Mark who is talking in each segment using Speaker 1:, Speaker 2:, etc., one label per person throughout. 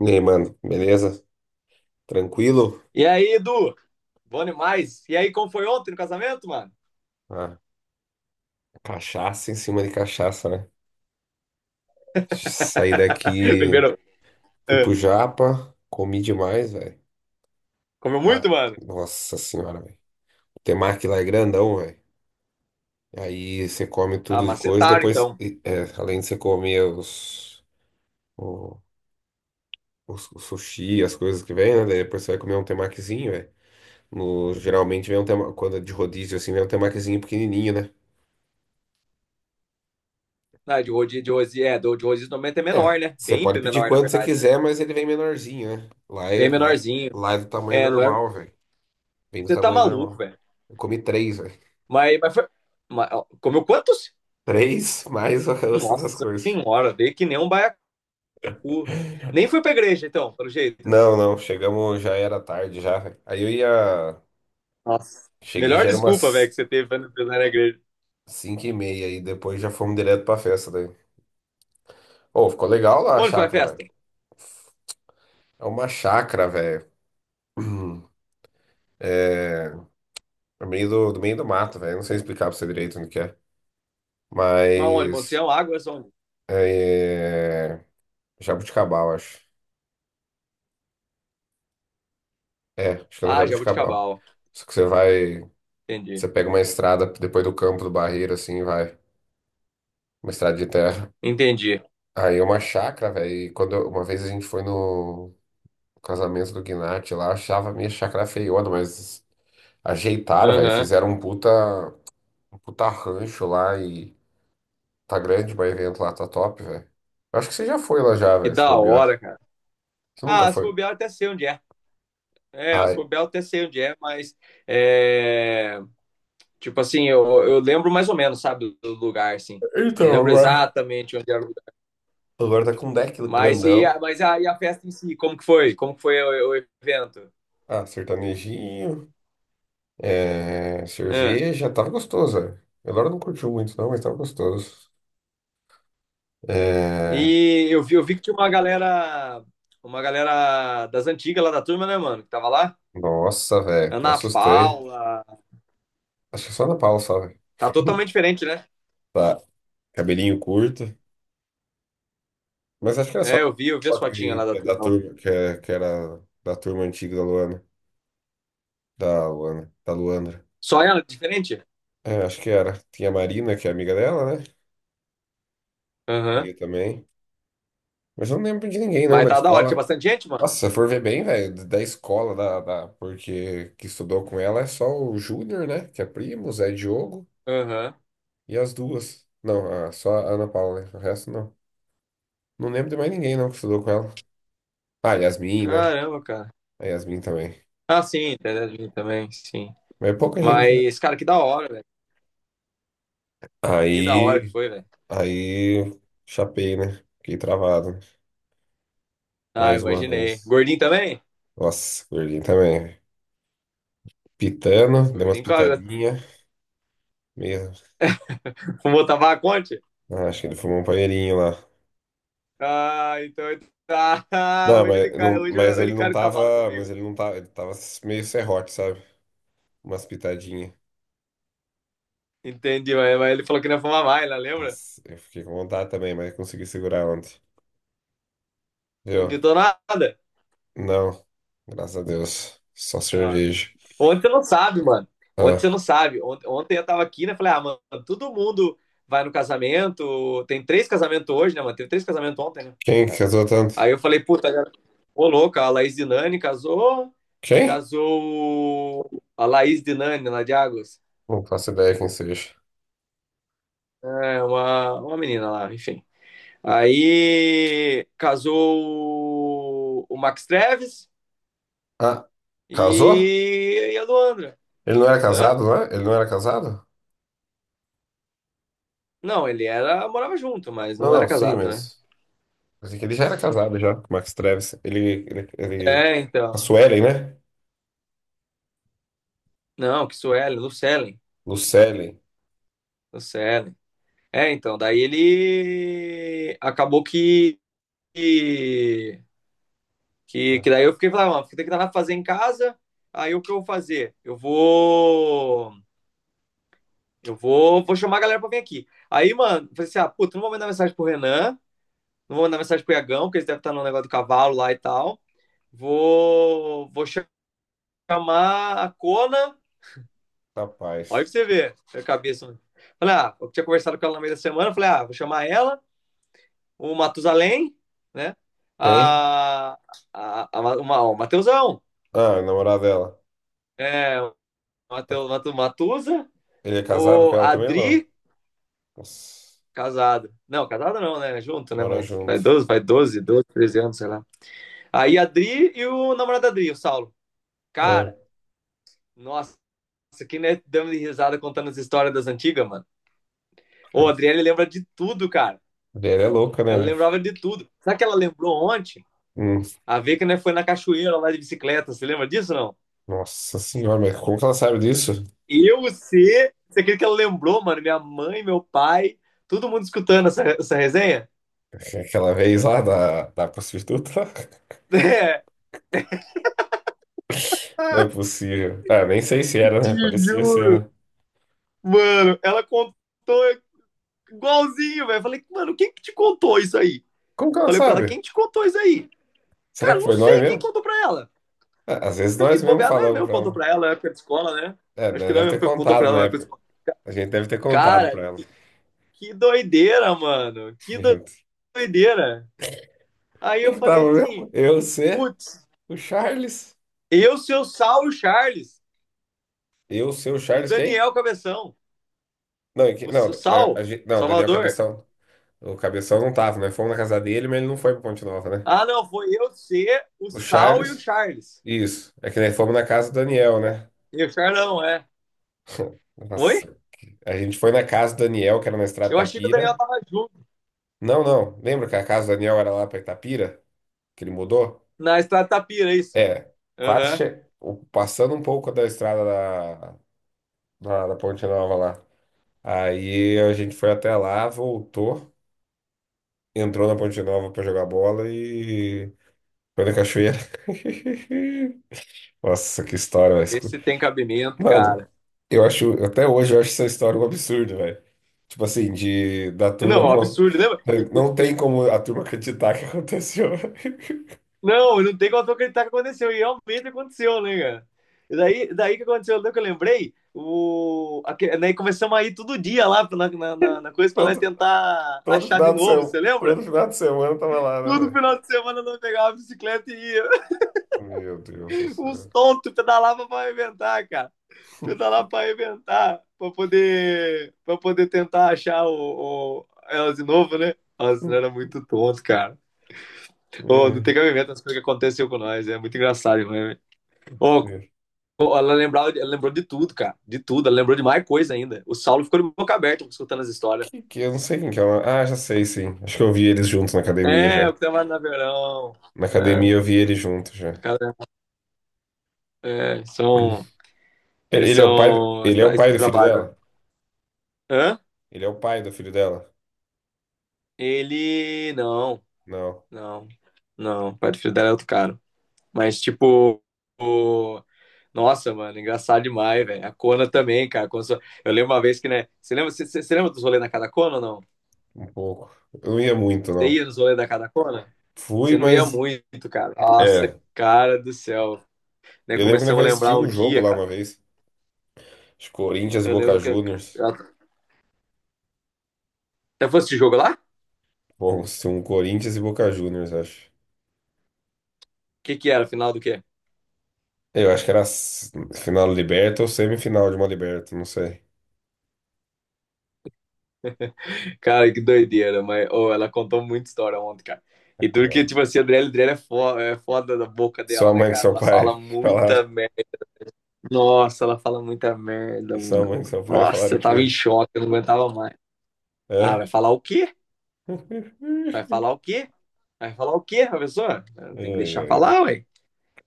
Speaker 1: E aí, mano, beleza? Tranquilo?
Speaker 2: E aí, Edu? Bom demais. E aí, como foi ontem no casamento, mano?
Speaker 1: Ah, cachaça em cima de cachaça, né? Saí daqui,
Speaker 2: Primeiro,
Speaker 1: fui pro
Speaker 2: é,
Speaker 1: Japa, comi demais, velho.
Speaker 2: comeu muito,
Speaker 1: Ah,
Speaker 2: mano?
Speaker 1: nossa senhora, velho. O temaki lá é grandão, velho. Aí você come
Speaker 2: Ah,
Speaker 1: tudo de coisa,
Speaker 2: macetaram,
Speaker 1: depois,
Speaker 2: então.
Speaker 1: além de você comer o, o sushi, as coisas que vem, né? Daí depois você vai comer um temakizinho, velho. No, geralmente vem um tema, quando é de rodízio assim, vem um temakizinho pequenininho, né?
Speaker 2: Ah, de rodízio normalmente é
Speaker 1: É,
Speaker 2: menor, né?
Speaker 1: você
Speaker 2: Bem
Speaker 1: pode pedir
Speaker 2: menor, na
Speaker 1: quanto você
Speaker 2: verdade, né?
Speaker 1: quiser, mas ele vem menorzinho, né?
Speaker 2: Bem menorzinho.
Speaker 1: Lá é do tamanho
Speaker 2: É, não é.
Speaker 1: normal, velho. Vem do
Speaker 2: Você tá
Speaker 1: tamanho
Speaker 2: maluco,
Speaker 1: normal.
Speaker 2: velho.
Speaker 1: Eu comi três, velho.
Speaker 2: Mas foi, ó, comeu quantos?
Speaker 1: Três mais o resto das
Speaker 2: Nossa
Speaker 1: coisas.
Speaker 2: senhora, veio que nem um baiacu. Nem fui pra igreja, então, pelo jeito.
Speaker 1: Não, não, chegamos, já era tarde já, velho. Aí eu ia.
Speaker 2: Nossa.
Speaker 1: Cheguei,
Speaker 2: Melhor
Speaker 1: já era
Speaker 2: desculpa, velho,
Speaker 1: umas
Speaker 2: que você teve pra não ir na igreja.
Speaker 1: cinco e meia, e depois já fomos direto pra festa daí. Ô, ficou legal lá a
Speaker 2: Onde foi a
Speaker 1: chácara, velho.
Speaker 2: festa?
Speaker 1: É uma chácara, velho. É. No meio do meio do mato, velho. Não sei explicar pra você direito onde que é.
Speaker 2: Mas onde? Monte
Speaker 1: Mas.
Speaker 2: Sião, Águas, onde?
Speaker 1: É... Jabuticabal, acho. É, acho que é no
Speaker 2: Ah,
Speaker 1: Jabuticabal.
Speaker 2: Jabuticabal.
Speaker 1: Só que você vai.
Speaker 2: Entendi.
Speaker 1: Você pega uma estrada depois do campo do Barreiro, assim, vai. Uma estrada de terra.
Speaker 2: Entendi.
Speaker 1: Aí é uma chácara, velho. E quando eu- uma vez a gente foi no casamento do Gnat lá, eu achava a minha chácara feiona, mas ajeitaram, velho.
Speaker 2: Aham.
Speaker 1: Fizeram um puta rancho lá e tá grande, mas o evento lá tá top, velho. Eu acho que você já foi lá já,
Speaker 2: Que
Speaker 1: velho, se
Speaker 2: da
Speaker 1: bobear.
Speaker 2: hora, cara.
Speaker 1: Você nunca
Speaker 2: Ah, se
Speaker 1: foi.
Speaker 2: bobear, eu até sei onde é. É, se
Speaker 1: Ai.
Speaker 2: bobear, eu até sei onde é, mas é, tipo assim, eu lembro mais ou menos, sabe, do lugar, assim. Não
Speaker 1: Então,
Speaker 2: lembro
Speaker 1: agora.
Speaker 2: exatamente onde era o lugar.
Speaker 1: Agora tá com um deck grandão.
Speaker 2: E a festa em si, como que foi? Como que foi o evento?
Speaker 1: Ah, sertanejinho, é,
Speaker 2: Ah,
Speaker 1: cerveja, tava gostoso, velho. Elora não curtiu muito, não, mas tava gostoso. É,
Speaker 2: e eu vi que tinha uma galera das antigas lá da turma, né, mano, que tava lá.
Speaker 1: nossa, velho, até
Speaker 2: Ana
Speaker 1: assustei.
Speaker 2: Paula.
Speaker 1: Acho que só na Paula, só, velho.
Speaker 2: Tá totalmente diferente, né?
Speaker 1: Tá, cabelinho curto. Mas acho que era só
Speaker 2: É,
Speaker 1: na
Speaker 2: eu vi as
Speaker 1: Paula
Speaker 2: fotinhas lá
Speaker 1: que
Speaker 2: da
Speaker 1: é da
Speaker 2: turma.
Speaker 1: turma, que era da turma antiga da Luana. Da Luana, da Luandra.
Speaker 2: Só ela, diferente?
Speaker 1: É, acho que era. Tinha a Marina, que é amiga dela, né? E
Speaker 2: Aham.
Speaker 1: aí também. Mas eu não lembro de ninguém, não,
Speaker 2: Mas
Speaker 1: da
Speaker 2: tá da hora, tinha
Speaker 1: escola.
Speaker 2: bastante gente, mano.
Speaker 1: Nossa, se eu for ver bem, velho, da escola da, da, porque que estudou com ela é só o Júnior, né? Que é primo, o Zé Diogo
Speaker 2: Aham.
Speaker 1: e as duas. Não, só a Ana Paula, né? O resto não. Não lembro de mais ninguém, não, que estudou com ela. Ah, Yasmin, né?
Speaker 2: Caramba, cara.
Speaker 1: A Yasmin também.
Speaker 2: Ah, sim, internet também, sim.
Speaker 1: Mas é pouca gente, né?
Speaker 2: Mas, cara, que da hora, velho. Que da hora que
Speaker 1: Aí,
Speaker 2: foi, velho.
Speaker 1: aí, chapei, né? Fiquei travado, né?
Speaker 2: Ah,
Speaker 1: Mais uma
Speaker 2: imaginei.
Speaker 1: vez.
Speaker 2: Gordinho também?
Speaker 1: Nossa, gordinho também. Pitando, deu umas
Speaker 2: Gordinho com a,
Speaker 1: pitadinhas. Mesmo.
Speaker 2: fumou tabaco ontem?
Speaker 1: Ah, acho que ele fumou um panheirinho lá.
Speaker 2: Ah, então, ah, hoje ele cai no cavalo comigo.
Speaker 1: Mas ele não tava. Ele tava meio serrote, sabe? Umas pitadinhas.
Speaker 2: Entendi, mas, ele falou que não ia fumar mais, né? Lembra?
Speaker 1: Nossa, eu fiquei com vontade também, mas consegui segurar ontem.
Speaker 2: Não
Speaker 1: Viu?
Speaker 2: tentou nada.
Speaker 1: Não. Graças a Deus. Só
Speaker 2: Ah,
Speaker 1: cerveja.
Speaker 2: ontem você não sabe, mano. Ontem
Speaker 1: Ah,
Speaker 2: você não sabe. Ontem eu tava aqui, né? Falei, ah, mano, todo mundo vai no casamento. Tem três casamentos hoje, né, mano? Teve três casamentos ontem, né?
Speaker 1: quem casou tanto?
Speaker 2: Aí eu falei, puta, cara, ô louca, a Laís Dinani casou.
Speaker 1: Quem?
Speaker 2: Casou a Laís Dinani, lá de Águas.
Speaker 1: Não faço ideia quem seja.
Speaker 2: É uma menina lá, enfim. Aí casou o Max Treves
Speaker 1: Ah, casou?
Speaker 2: e a Luandra.
Speaker 1: Ele não era
Speaker 2: Hã?
Speaker 1: casado, não é? Ele não era casado?
Speaker 2: Não, ele era, morava junto, mas
Speaker 1: Não,
Speaker 2: não era
Speaker 1: não, sim,
Speaker 2: casado, né?
Speaker 1: mas. Pensei que ele já era casado já, com o Max Travis. Ele, ele, ele.
Speaker 2: É,
Speaker 1: A
Speaker 2: então.
Speaker 1: Suelen, né?
Speaker 2: Não, que Suelen, Lucellen,
Speaker 1: Lucellen.
Speaker 2: Lucellen. É, então, daí ele acabou que, que
Speaker 1: Ah,
Speaker 2: daí eu fiquei falando, mano, tem que dar fazer em casa. Aí o que eu vou fazer? Eu vou chamar a galera pra vir aqui. Aí, mano, eu falei assim: "Ah, puta, não vou mandar mensagem pro Renan, não vou mandar mensagem pro Iagão, porque eles devem estar no negócio do cavalo lá e tal. Vou chamar a Cona." Olha
Speaker 1: rapaz.
Speaker 2: pra você ver, a cabeça. Falei, ah, eu tinha conversado com ela no meio da semana, falei, ah, vou chamar ela, o Matusalém, né?
Speaker 1: Quem?
Speaker 2: A, o Mateusão,
Speaker 1: Ah, o namorado dela.
Speaker 2: o
Speaker 1: Tá-
Speaker 2: Mateus,
Speaker 1: Ele é casado com
Speaker 2: o
Speaker 1: ela também ou não?
Speaker 2: Adri,
Speaker 1: Nossa,
Speaker 2: casado. Não, casado não, né? Junto, né?
Speaker 1: mora
Speaker 2: Mas vai
Speaker 1: junto.
Speaker 2: 12, vai 13 anos, sei lá. Aí a Adri e o namorado da Adri, o Saulo.
Speaker 1: Ah,
Speaker 2: Cara, nossa, isso aqui né, dando de risada contando as histórias das antigas, mano.
Speaker 1: a
Speaker 2: Ô, a Adriane lembra de tudo, cara.
Speaker 1: mulher é louca, né,
Speaker 2: Ela
Speaker 1: velho?
Speaker 2: lembrava de tudo. Sabe o que ela lembrou ontem?
Speaker 1: Hum,
Speaker 2: A ver que né, foi na cachoeira lá de bicicleta. Você lembra disso, não?
Speaker 1: Nossa senhora, mas como que ela sabe disso?
Speaker 2: Eu, você acredita que ela lembrou, mano? Minha mãe, meu pai, todo mundo escutando essa resenha?
Speaker 1: É aquela vez lá da prostituta?
Speaker 2: É,
Speaker 1: Não é possível. Ah, nem sei se era,
Speaker 2: te
Speaker 1: né? Parecia ser,
Speaker 2: juro.
Speaker 1: né?
Speaker 2: Mano, ela contou igualzinho, velho. Falei, mano, quem que te contou isso aí?
Speaker 1: Como que ela
Speaker 2: Falei pra ela, quem
Speaker 1: sabe?
Speaker 2: te contou isso aí?
Speaker 1: Será
Speaker 2: Cara,
Speaker 1: que
Speaker 2: não
Speaker 1: foi nós
Speaker 2: sei quem
Speaker 1: mesmo?
Speaker 2: contou pra ela.
Speaker 1: Ah, às vezes
Speaker 2: Acho que
Speaker 1: nós mesmo
Speaker 2: bobear não é
Speaker 1: falamos
Speaker 2: meu que
Speaker 1: pra
Speaker 2: contou
Speaker 1: ela.
Speaker 2: pra ela, é época de escola, né?
Speaker 1: É,
Speaker 2: Acho
Speaker 1: né,
Speaker 2: que não é
Speaker 1: deve
Speaker 2: mesmo
Speaker 1: ter
Speaker 2: que contou
Speaker 1: contado
Speaker 2: pra ela,
Speaker 1: na
Speaker 2: é época de
Speaker 1: época.
Speaker 2: escola.
Speaker 1: A gente deve ter contado pra
Speaker 2: Cara,
Speaker 1: ela.
Speaker 2: que doideira, mano. Que doideira. Aí
Speaker 1: Quem
Speaker 2: eu
Speaker 1: que
Speaker 2: falei
Speaker 1: tava mesmo?
Speaker 2: assim,
Speaker 1: Eu, você,
Speaker 2: putz,
Speaker 1: o Charles.
Speaker 2: eu, seu Saulo Charles,
Speaker 1: Eu, seu
Speaker 2: e o
Speaker 1: Charles, quem?
Speaker 2: Daniel Cabeção.
Speaker 1: Não, e que-
Speaker 2: O
Speaker 1: não, né, a
Speaker 2: Sal,
Speaker 1: gen- não, Daniel
Speaker 2: Salvador.
Speaker 1: Cabeção. O Cabeção não tava, né? Fomos na casa dele, mas ele não foi pra Ponte Nova, né?
Speaker 2: Ah, não, foi eu, você, o
Speaker 1: O
Speaker 2: Sal e o
Speaker 1: Charles,
Speaker 2: Charles.
Speaker 1: isso. É que nós fomos na casa do Daniel, né?
Speaker 2: E o Charlão, é. Oi?
Speaker 1: Nossa. A gente foi na casa do Daniel, que era na Estrada
Speaker 2: Eu achei que o Daniel
Speaker 1: Tapira.
Speaker 2: tava junto
Speaker 1: Não, não. Lembra que a casa do Daniel era lá pra Itapira? Que ele mudou?
Speaker 2: na Estrada Tapira, isso.
Speaker 1: É. Quase
Speaker 2: Aham.
Speaker 1: che... passando um pouco da estrada da Ponte Nova lá. Aí a gente foi até lá, voltou, entrou na Ponte Nova pra jogar bola e foi na cachoeira. Nossa, que história, velho.
Speaker 2: Vê
Speaker 1: Escu-
Speaker 2: se tem cabimento,
Speaker 1: Mano,
Speaker 2: cara.
Speaker 1: eu acho, até hoje eu acho essa história um absurdo, velho. Tipo assim, de da turma
Speaker 2: Não,
Speaker 1: não.
Speaker 2: absurdo, né?
Speaker 1: Não tem como a turma acreditar que aconteceu.
Speaker 2: Não, não tem como eu acreditar que aconteceu. E realmente aconteceu, né, cara? E daí que aconteceu, daí que eu lembrei, daí começamos a ir todo dia lá na coisa pra nós
Speaker 1: Todo,
Speaker 2: tentar
Speaker 1: todo
Speaker 2: achar de
Speaker 1: final de
Speaker 2: novo,
Speaker 1: semana,
Speaker 2: você lembra?
Speaker 1: todo final de semana eu tava lá, né,
Speaker 2: Todo
Speaker 1: velho?
Speaker 2: final de semana nós pegava a bicicleta e ia.
Speaker 1: Meu Deus do
Speaker 2: Uns
Speaker 1: céu.
Speaker 2: tontos pedalavam pra arrebentar, cara. Pedalar pra arrebentar, pra poder tentar achar o elas de novo, né? Nossa, era muito tonto, cara. Ô, não
Speaker 1: É,
Speaker 2: tem cabimento as coisas que aconteceu com nós. É muito engraçado, né? Ô,
Speaker 1: é.
Speaker 2: ô, ela lembrou de tudo, cara. De tudo. Ela lembrou de mais coisa ainda. O Saulo ficou de boca aberta escutando as histórias.
Speaker 1: Que eu não sei quem que é. O ah, já sei, sim. Acho que eu vi eles juntos na academia
Speaker 2: É,
Speaker 1: já.
Speaker 2: o que tava na verão.
Speaker 1: Na academia
Speaker 2: É,
Speaker 1: eu vi eles juntos já.
Speaker 2: cara, é, são.
Speaker 1: É,
Speaker 2: Eles
Speaker 1: ele é o pai,
Speaker 2: são,
Speaker 1: ele é o pai do filho
Speaker 2: trabalham.
Speaker 1: dela?
Speaker 2: Hã?
Speaker 1: Ele é o pai do filho dela?
Speaker 2: Ele. Não.
Speaker 1: Não,
Speaker 2: Não, não, o pai do filho dela é outro cara. Mas, tipo, o- nossa, mano, engraçado demais, velho. A Kona também, cara. Eu lembro uma vez que, né? Você lembra dos rolês da Casa Kona ou não?
Speaker 1: um pouco. Eu não ia muito,
Speaker 2: Você
Speaker 1: não.
Speaker 2: ia nos rolês da Casa Kona?
Speaker 1: Fui,
Speaker 2: Você não ia
Speaker 1: mas.
Speaker 2: muito, cara. Nossa,
Speaker 1: É.
Speaker 2: cara do céu. Né,
Speaker 1: Eu lembro que nós
Speaker 2: começamos a lembrar
Speaker 1: assistimos
Speaker 2: um
Speaker 1: um jogo
Speaker 2: dia,
Speaker 1: lá
Speaker 2: cara.
Speaker 1: uma vez. Acho que Corinthians e
Speaker 2: Eu
Speaker 1: Boca
Speaker 2: lembro que. Que-
Speaker 1: Juniors.
Speaker 2: eu Até foi esse jogo lá? O
Speaker 1: Bom, se um Corinthians e Boca Juniors, acho.
Speaker 2: que que era? Final do quê?
Speaker 1: Eu acho que era final da Liberta ou semifinal de uma Liberta, não sei.
Speaker 2: Cara, que doideira, mas oh, ela contou muita história ontem, cara. E tudo que,
Speaker 1: É.
Speaker 2: tipo assim, a Adriele é é foda da boca
Speaker 1: Sua
Speaker 2: dela, né,
Speaker 1: mãe com
Speaker 2: cara?
Speaker 1: seu
Speaker 2: Ela
Speaker 1: pai
Speaker 2: fala
Speaker 1: que falaram.
Speaker 2: muita merda. Nossa, ela fala muita
Speaker 1: E
Speaker 2: merda,
Speaker 1: sua mãe com
Speaker 2: mano.
Speaker 1: seu pai
Speaker 2: Nossa,
Speaker 1: falaram o
Speaker 2: eu tava em
Speaker 1: quê?
Speaker 2: choque, eu não aguentava mais. Ah,
Speaker 1: É?
Speaker 2: vai falar o quê? Vai falar o quê? Vai falar o quê, professor? Ah,
Speaker 1: Ai,
Speaker 2: tem que deixar
Speaker 1: ai, ai.
Speaker 2: falar, ué.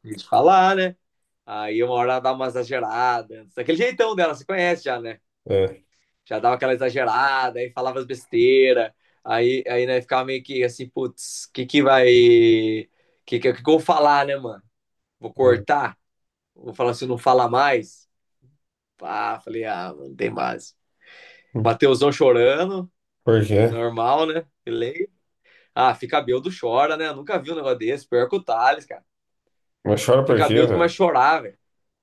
Speaker 2: Tem que falar, né? Aí uma hora ela dá uma exagerada. Daquele jeitão dela, você conhece já, né?
Speaker 1: É,
Speaker 2: Já dava aquela exagerada, aí falava as besteiras. Aí né, ficava meio que assim, putz, o que que vai. O que eu vou falar, né, mano? Vou
Speaker 1: é.
Speaker 2: cortar? Vou falar se não fala mais? Pá, falei, ah, mano, tem mais. Mateusão chorando.
Speaker 1: Por quê?
Speaker 2: Normal, né? Ele. Ah, fica bêbado, chora, né? Eu nunca vi um negócio desse. Pior que o Thales, cara.
Speaker 1: Mas chora por
Speaker 2: Fica
Speaker 1: quê,
Speaker 2: bêbado,
Speaker 1: velho?
Speaker 2: começa a chorar, velho.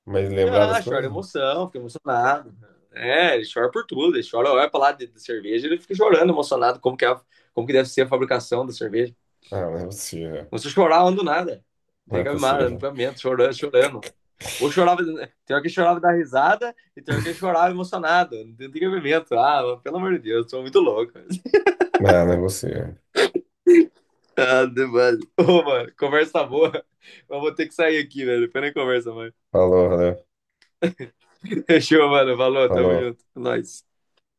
Speaker 1: Mas lembrar
Speaker 2: Ah,
Speaker 1: das
Speaker 2: chora
Speaker 1: coisas?
Speaker 2: de emoção, fica emocionado. É, ele chora por tudo. Ele chora, olha pra lá de, cerveja, ele fica chorando, emocionado. Como que, como que deve ser a fabricação da cerveja?
Speaker 1: Ah, não é possível.
Speaker 2: Não se chorar, eu ando nada.
Speaker 1: Não
Speaker 2: Tem
Speaker 1: é
Speaker 2: que amar,
Speaker 1: possível.
Speaker 2: amamento, chorando, chorando. Ou chorava, tem hora que chorava da risada e tem hora que chorava emocionado. Não tem cabimento. Ah, pelo amor de Deus, sou muito louco.
Speaker 1: Ah, não é possível.
Speaker 2: Ah, demais. Ô, mano, conversa boa. Mas vou ter que sair aqui, velho. Depois nem conversa, mano.
Speaker 1: Falou, valeu.
Speaker 2: Fechou, mano. Falou, tamo
Speaker 1: Falou.
Speaker 2: junto. Nós.